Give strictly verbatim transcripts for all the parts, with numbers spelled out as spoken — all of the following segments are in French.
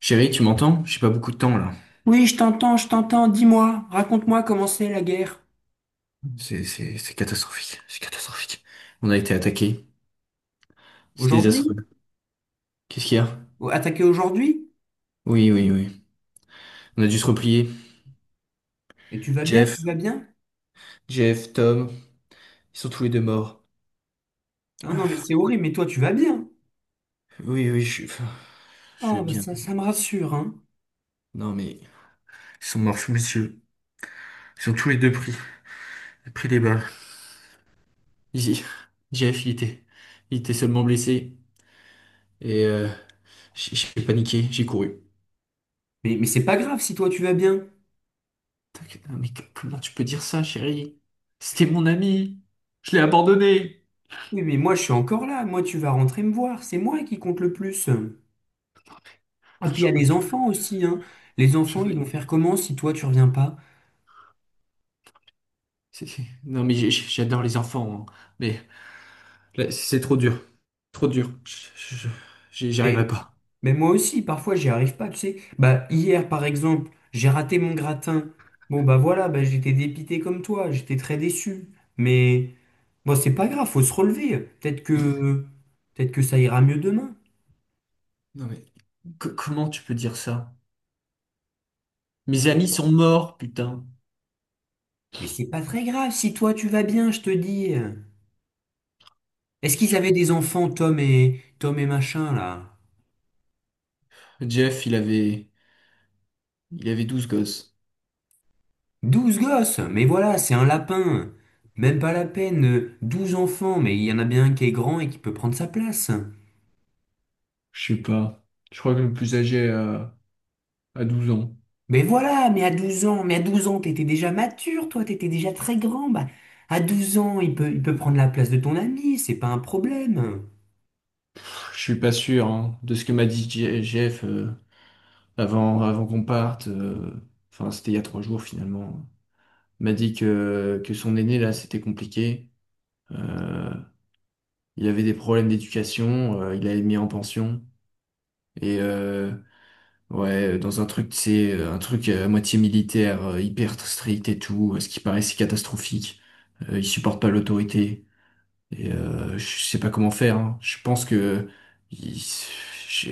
Chérie, tu m'entends? J'ai pas beaucoup de temps là. Oui, je t'entends, je t'entends. Dis-moi, raconte-moi comment c'est la guerre. C'est c'est- c'est catastrophique. C'est catastrophique. On a été attaqué. C'est désastreux. Aujourd'hui? Qu'est-ce qu'il y a? Ou attaquer aujourd'hui? Oui, oui, oui. On a dû se replier. Et tu vas bien, tu Jeff, vas bien? Jeff, Tom, ils sont tous les deux morts. Non, non, mais Ah, c'est horrible, mais toi, tu vas bien. oui, oui, je, enfin, je vais Oh, bah bien. ça, ça me rassure, hein. Non, mais ils sont morts sous mes yeux. Ils sont tous les deux pris, pris des balles. Ici, Jeff, il était, il était seulement blessé. Et euh, j'ai j'ai paniqué, j'ai couru. Mais, mais c'est pas grave si toi, tu vas bien. T'inquiète, non, mais comment tu peux dire ça, chérie? C'était mon ami. Je l'ai abandonné. Oui, mais moi, je suis encore là. Moi, tu vas rentrer me voir. C'est moi qui compte le plus. Et Ah, puis, il y j'en a peux les plus. enfants aussi, hein. Les J'en enfants, ils vont peux- faire comment si toi, tu reviens pas? c'est- c'est- Non, mais j'ai- j'ai- j'adore les enfants, hein. Mais là, c'est trop dur. Trop dur. Je- je- J'y j'y arriverai pas. Mais moi aussi, parfois, j'y arrive pas, tu sais. Bah, hier, par exemple, j'ai raté mon gratin. Bon, bah voilà, bah, j'étais dépité comme toi, j'étais très déçu. Mais bon, c'est pas grave, faut se relever. Peut-être que, peut-être que ça ira mieux demain. Non, mais co- comment tu peux dire ça? Mes amis sont morts, putain. Mais c'est pas très grave si toi tu vas bien, je te dis. Est-ce qu'ils Je- avaient des enfants, Tom et Tom et machin là? Jeff, il avait, il avait douze gosses. Douze gosses, mais voilà, c'est un lapin. Même pas la peine, euh, Douze enfants, mais il y en a bien un qui est grand et qui peut prendre sa place. Je sais pas. Je crois que le plus âgé a, a douze ans. Mais voilà, mais à douze ans, mais à douze ans, t'étais déjà mature, toi, t'étais déjà très grand. Bah, à douze ans, il peut, il peut prendre la place de ton ami, c'est pas un problème. Je suis pas sûr, hein, de ce que m'a dit Je- Jeff, euh, avant, avant qu'on parte. Euh, Enfin, c'était il y a trois jours finalement. Il m'a dit que, que son aîné, là, c'était compliqué. Euh, il avait des problèmes d'éducation, euh, il avait mis en pension. Et euh, ouais, dans un truc, c'est euh, un truc euh, à moitié militaire, euh, hyper strict et tout, euh, ce qui paraît si catastrophique. Euh, il supporte pas l'autorité. Et euh, je sais pas comment faire, hein. Je pense que il- je-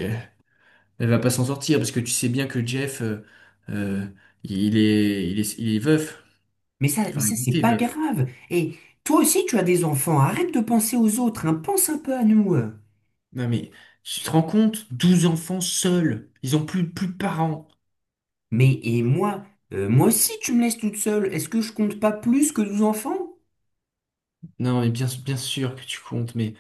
elle va pas s'en sortir parce que tu sais bien que Jeff, euh, euh, il est, il est, il est veuf. Mais ça, mais Enfin, ça, il c'est était pas veuf. grave. Et toi aussi, tu as des enfants, arrête de penser aux autres, hein, pense un peu à nous. euh. Non mais tu te rends compte? Douze enfants seuls. Ils ont plus, plus de parents. Mais, et moi, euh, moi aussi, tu me laisses toute seule, est-ce que je compte pas plus que douze enfants? Non, mais bien, bien sûr que tu comptes, mais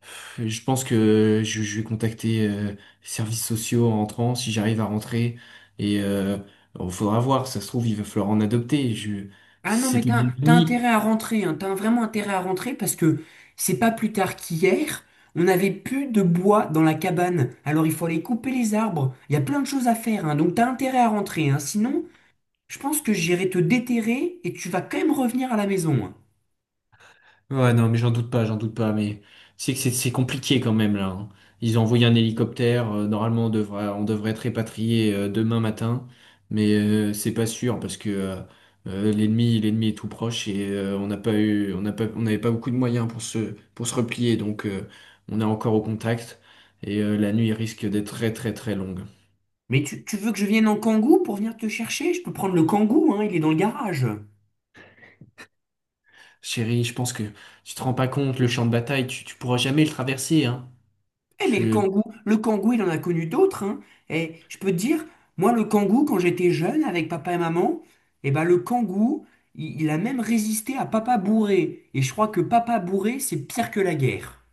pff, je pense que je, je vais contacter euh, les services sociaux en rentrant, si j'arrive à rentrer. Et euh, il faudra voir, si ça se trouve, il va falloir en adopter. Je, Ah non, mais c'est une t'as, t'as intérêt à rentrer, hein. T'as vraiment intérêt à rentrer parce que c'est pas plus tard qu'hier, on n'avait plus de bois dans la cabane. Alors il faut aller couper les arbres. Il y a plein de choses à faire, hein. Donc t'as intérêt à rentrer, hein. Sinon, je pense que j'irai te déterrer et tu vas quand même revenir à la maison, hein. Ouais, non, mais j'en doute pas, j'en doute pas, mais c'est que c'est c'est compliqué quand même là, hein. Ils ont envoyé un hélicoptère, euh, normalement on devrait, on devrait être répatrié euh, demain matin, mais euh, c'est pas sûr parce que euh, euh, l'ennemi, l'ennemi est tout proche et euh, on n'a pas eu, on n'a pas, on n'avait pas beaucoup de moyens pour se, pour se replier, donc euh, on est encore au contact et euh, la nuit risque d'être très très très longue. Mais tu, tu veux que je vienne en kangou pour venir te chercher? Je peux prendre le kangou, hein. Il est dans le garage. Chérie, je pense que tu te rends pas compte, le champ de bataille, tu, tu pourras jamais le traverser, hein. Eh mais le kangou, le kangou, il en a connu d'autres, hein. Et je peux te dire, moi, le kangou, quand j'étais jeune avec papa et maman, eh ben le kangou, il, il a même résisté à papa bourré. Et je crois que papa bourré, c'est pire que la guerre.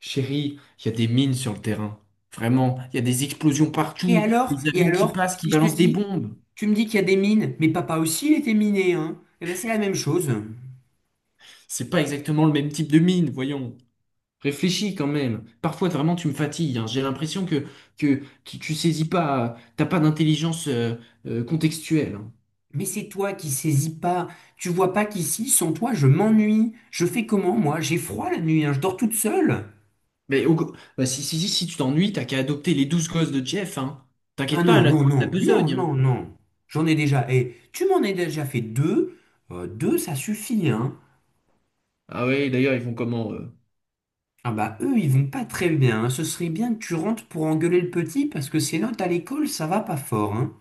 Chérie, il y a des mines sur le terrain. Vraiment, il y a des explosions Et partout, alors, des et avions qui alors, passent, qui si je te balancent des dis, bombes. tu me dis qu'il y a des mines, mais papa aussi, il était miné, hein. Eh ben c'est la même chose. C'est pas exactement le même type de mine, voyons. Réfléchis quand même. Parfois, vraiment, tu me fatigues, hein. J'ai l'impression que, que tu, tu saisis pas, t'as pas d'intelligence euh, euh, contextuelle, hein. Mais c'est toi qui saisis pas. Tu vois pas qu'ici, sans toi, je m'ennuie. Je fais comment, moi? J'ai froid la nuit, hein. Je dors toute seule. Mais au co- bah, si, si, si, si tu t'ennuies, t'as qu'à adopter les douze gosses de Jeff, hein. Ah T'inquiète pas, non, là, non, t'auras ta non, non, besogne, hein. non, non. J'en ai déjà. Et tu m'en as déjà fait deux. Euh, deux, ça suffit, hein. Ah ouais, d'ailleurs, ils font comment, eux. Ah bah eux, ils vont pas très bien, hein. Ce serait bien que tu rentres pour engueuler le petit parce que ses notes à l'école, ça va pas fort, hein.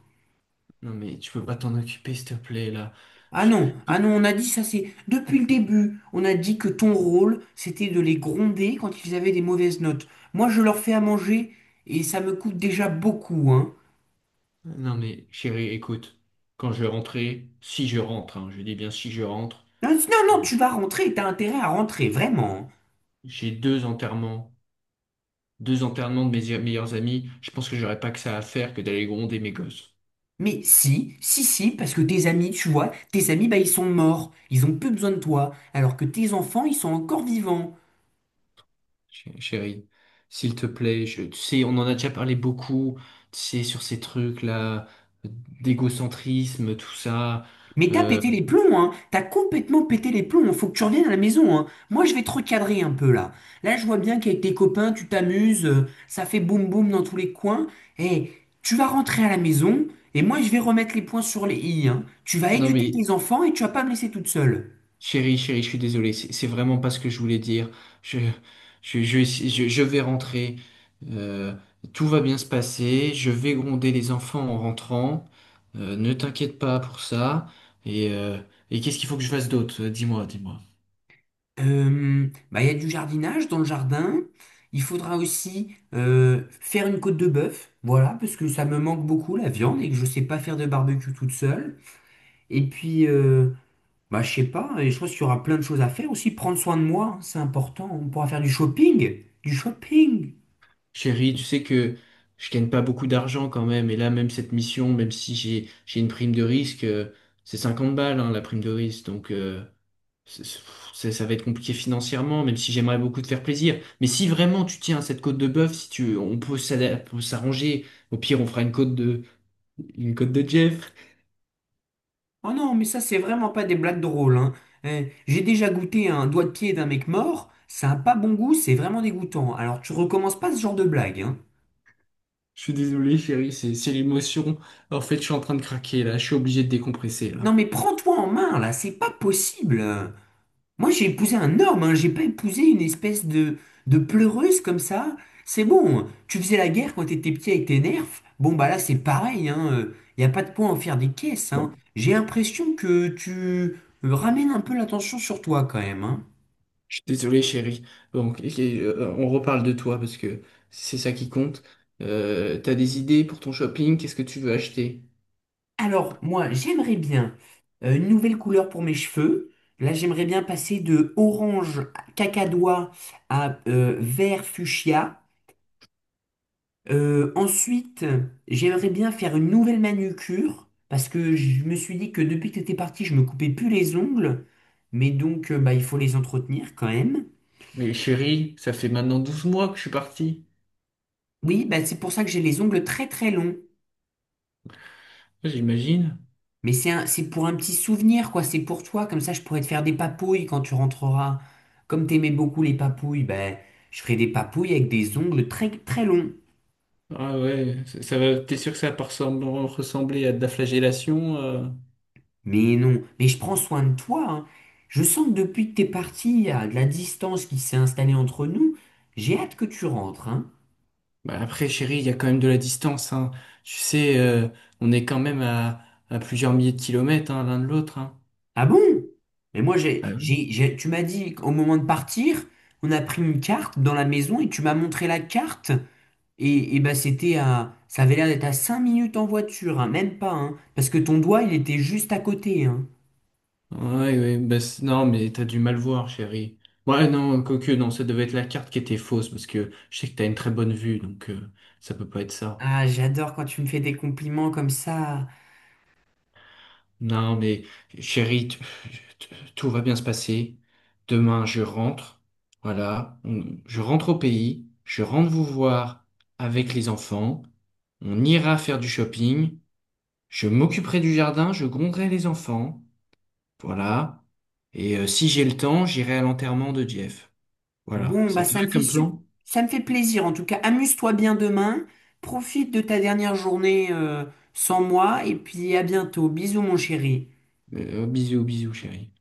Non mais tu peux pas t'en occuper, s'il te plaît, là. Ah non, ah non, on a dit ça, c'est depuis le début. On a dit que ton rôle, c'était de les gronder quand ils avaient des mauvaises notes. Moi, je leur fais à manger et ça me coûte déjà beaucoup, hein. Ouais. Non mais chérie, écoute, quand je rentrais, si je rentre, hein, je dis bien si je rentre, Non, non, non, tu vas rentrer, t'as intérêt à rentrer, vraiment, hein. j'ai deux enterrements, deux enterrements de mes meilleurs amis, je pense que j'aurais pas que ça à faire que d'aller gronder mes gosses. Mais si, si, si, parce que tes amis, tu vois, tes amis, bah, ils sont morts, ils ont plus besoin de toi, alors que tes enfants, ils sont encore vivants. Ch- Chérie, s'il te plaît, je, tu sais, on en a déjà parlé beaucoup, tu sais, sur ces trucs-là, euh, d'égocentrisme, tout ça. Mais t'as Euh, pété les plombs, hein, t'as complètement pété les plombs, faut que tu reviennes à la maison, hein. Moi, je vais te recadrer un peu là. Là, je vois bien qu'avec tes copains, tu t'amuses, euh, ça fait boum boum dans tous les coins. Et tu vas rentrer à la maison, et moi, je vais remettre les points sur les i, hein. Tu vas non éduquer mais tes enfants et tu vas pas me laisser toute seule. chérie, chérie, je suis désolé, c'est c'est vraiment pas ce que je voulais dire. Je, je, je, je, je vais rentrer. Euh, Tout va bien se passer. Je vais gronder les enfants en rentrant. Euh, ne t'inquiète pas pour ça. Et, euh, et qu'est-ce qu'il faut que je fasse d'autre? Euh, Dis-moi, dis-moi. Euh, bah, il y a du jardinage dans le jardin. Il faudra aussi euh, faire une côte de bœuf, voilà, parce que ça me manque beaucoup la viande et que je sais pas faire de barbecue toute seule. Et puis, euh, bah, je sais pas, et je pense qu'il y aura plein de choses à faire aussi. Prendre soin de moi, hein, c'est important. On pourra faire du shopping, du shopping. Chérie, tu sais que je gagne pas beaucoup d'argent quand même. Et là, même cette mission, même si j'ai, j'ai une prime de risque, euh, c'est cinquante balles, hein, la prime de risque. Donc, euh, c'est- c'est- ça va être compliqué financièrement, même si j'aimerais beaucoup te faire plaisir. Mais si vraiment tu tiens à cette côte de bœuf, si tu, on peut s'ada- peut s'arranger. Au pire, on fera une côte de, une côte de Jeff. Oh non, mais ça, c'est vraiment pas des blagues drôles, hein. Eh, j'ai déjà goûté un doigt de pied d'un mec mort. Ça a pas bon goût, c'est vraiment dégoûtant. Alors, tu recommences pas ce genre de blague, hein. Je suis désolé, chérie, c'est, c'est l'émotion. En fait, je suis en train de craquer là. Je suis obligé de décompresser Non là. mais prends-toi en main là, c'est pas possible. Euh, Moi j'ai épousé un homme, hein, j'ai pas épousé une espèce de, de, pleureuse comme ça. C'est bon, tu faisais la guerre quand t'étais petit avec tes nerfs. Bon bah là c'est pareil, hein. euh, y a pas de point à en faire des caisses, hein. J'ai l'impression que tu euh, ramènes un peu l'attention sur toi quand même, hein. Je suis désolé, chérie. Donc, et- euh, on reparle de toi parce que c'est ça qui compte. Euh, t'as des idées pour ton shopping? Qu'est-ce que tu veux acheter? Alors moi j'aimerais bien euh, une nouvelle couleur pour mes cheveux. Là j'aimerais bien passer de orange cacadois à euh, vert fuchsia. Euh, ensuite, j'aimerais bien faire une nouvelle manucure parce que je me suis dit que depuis que t'étais parti, je me coupais plus les ongles, mais donc euh, bah, il faut les entretenir quand même. Mais chérie, ça fait maintenant douze mois que je suis parti. Oui, bah, c'est pour ça que j'ai les ongles très très longs. J'imagine. Mais c'est un- c'est pour un petit souvenir, quoi. C'est pour toi, comme ça je pourrais te faire des papouilles quand tu rentreras. Comme t'aimais beaucoup les papouilles, bah, je ferai des papouilles avec des ongles très très longs. Ah ouais, ça, ça va, t'es sûr que ça va pas ressembler ressembler à de la flagellation? Euh Mais non, mais je prends soin de toi, hein. Je sens que depuis que t'es parti, il y a de la distance qui s'est installée entre nous. J'ai hâte que tu rentres, hein. Bah après, chérie, il y a quand même de la distance, hein. Tu sais, euh, on est quand même à, à plusieurs milliers de kilomètres, hein, l'un de l'autre, hein. Ah bon? Mais moi, Ah j'ai, oui. j'ai, j'ai- tu m'as dit qu'au moment de partir, on a pris une carte dans la maison et tu m'as montré la carte. Et, et bah c'était à, ça avait l'air d'être à cinq minutes en voiture, hein, même pas, hein, parce que ton doigt, il était juste à côté, hein. Ouais, ouais, bah, c'est- non, mais t'as dû mal voir, chérie. Ouais, non, quoique, non, ça devait être la carte qui était fausse, parce que je sais que t'as une très bonne vue, donc euh, ça peut pas être ça. Ah, j'adore quand tu me fais des compliments comme ça. Non, mais chérie, t- t- tout va bien se passer. Demain, je rentre. Voilà, on- je rentre au pays. Je rentre vous voir avec les enfants. On ira faire du shopping. Je m'occuperai du jardin. Je gronderai les enfants. Voilà. Et euh, si j'ai le temps, j'irai à l'enterrement de Jeff. Voilà. Bon, bah Ça te ça va me fait comme sup- plan? ça me fait plaisir. En tout cas, amuse-toi bien demain. Profite de ta dernière journée euh, sans moi et puis à bientôt. Bisous mon chéri. Euh, bisous, bisous, chérie.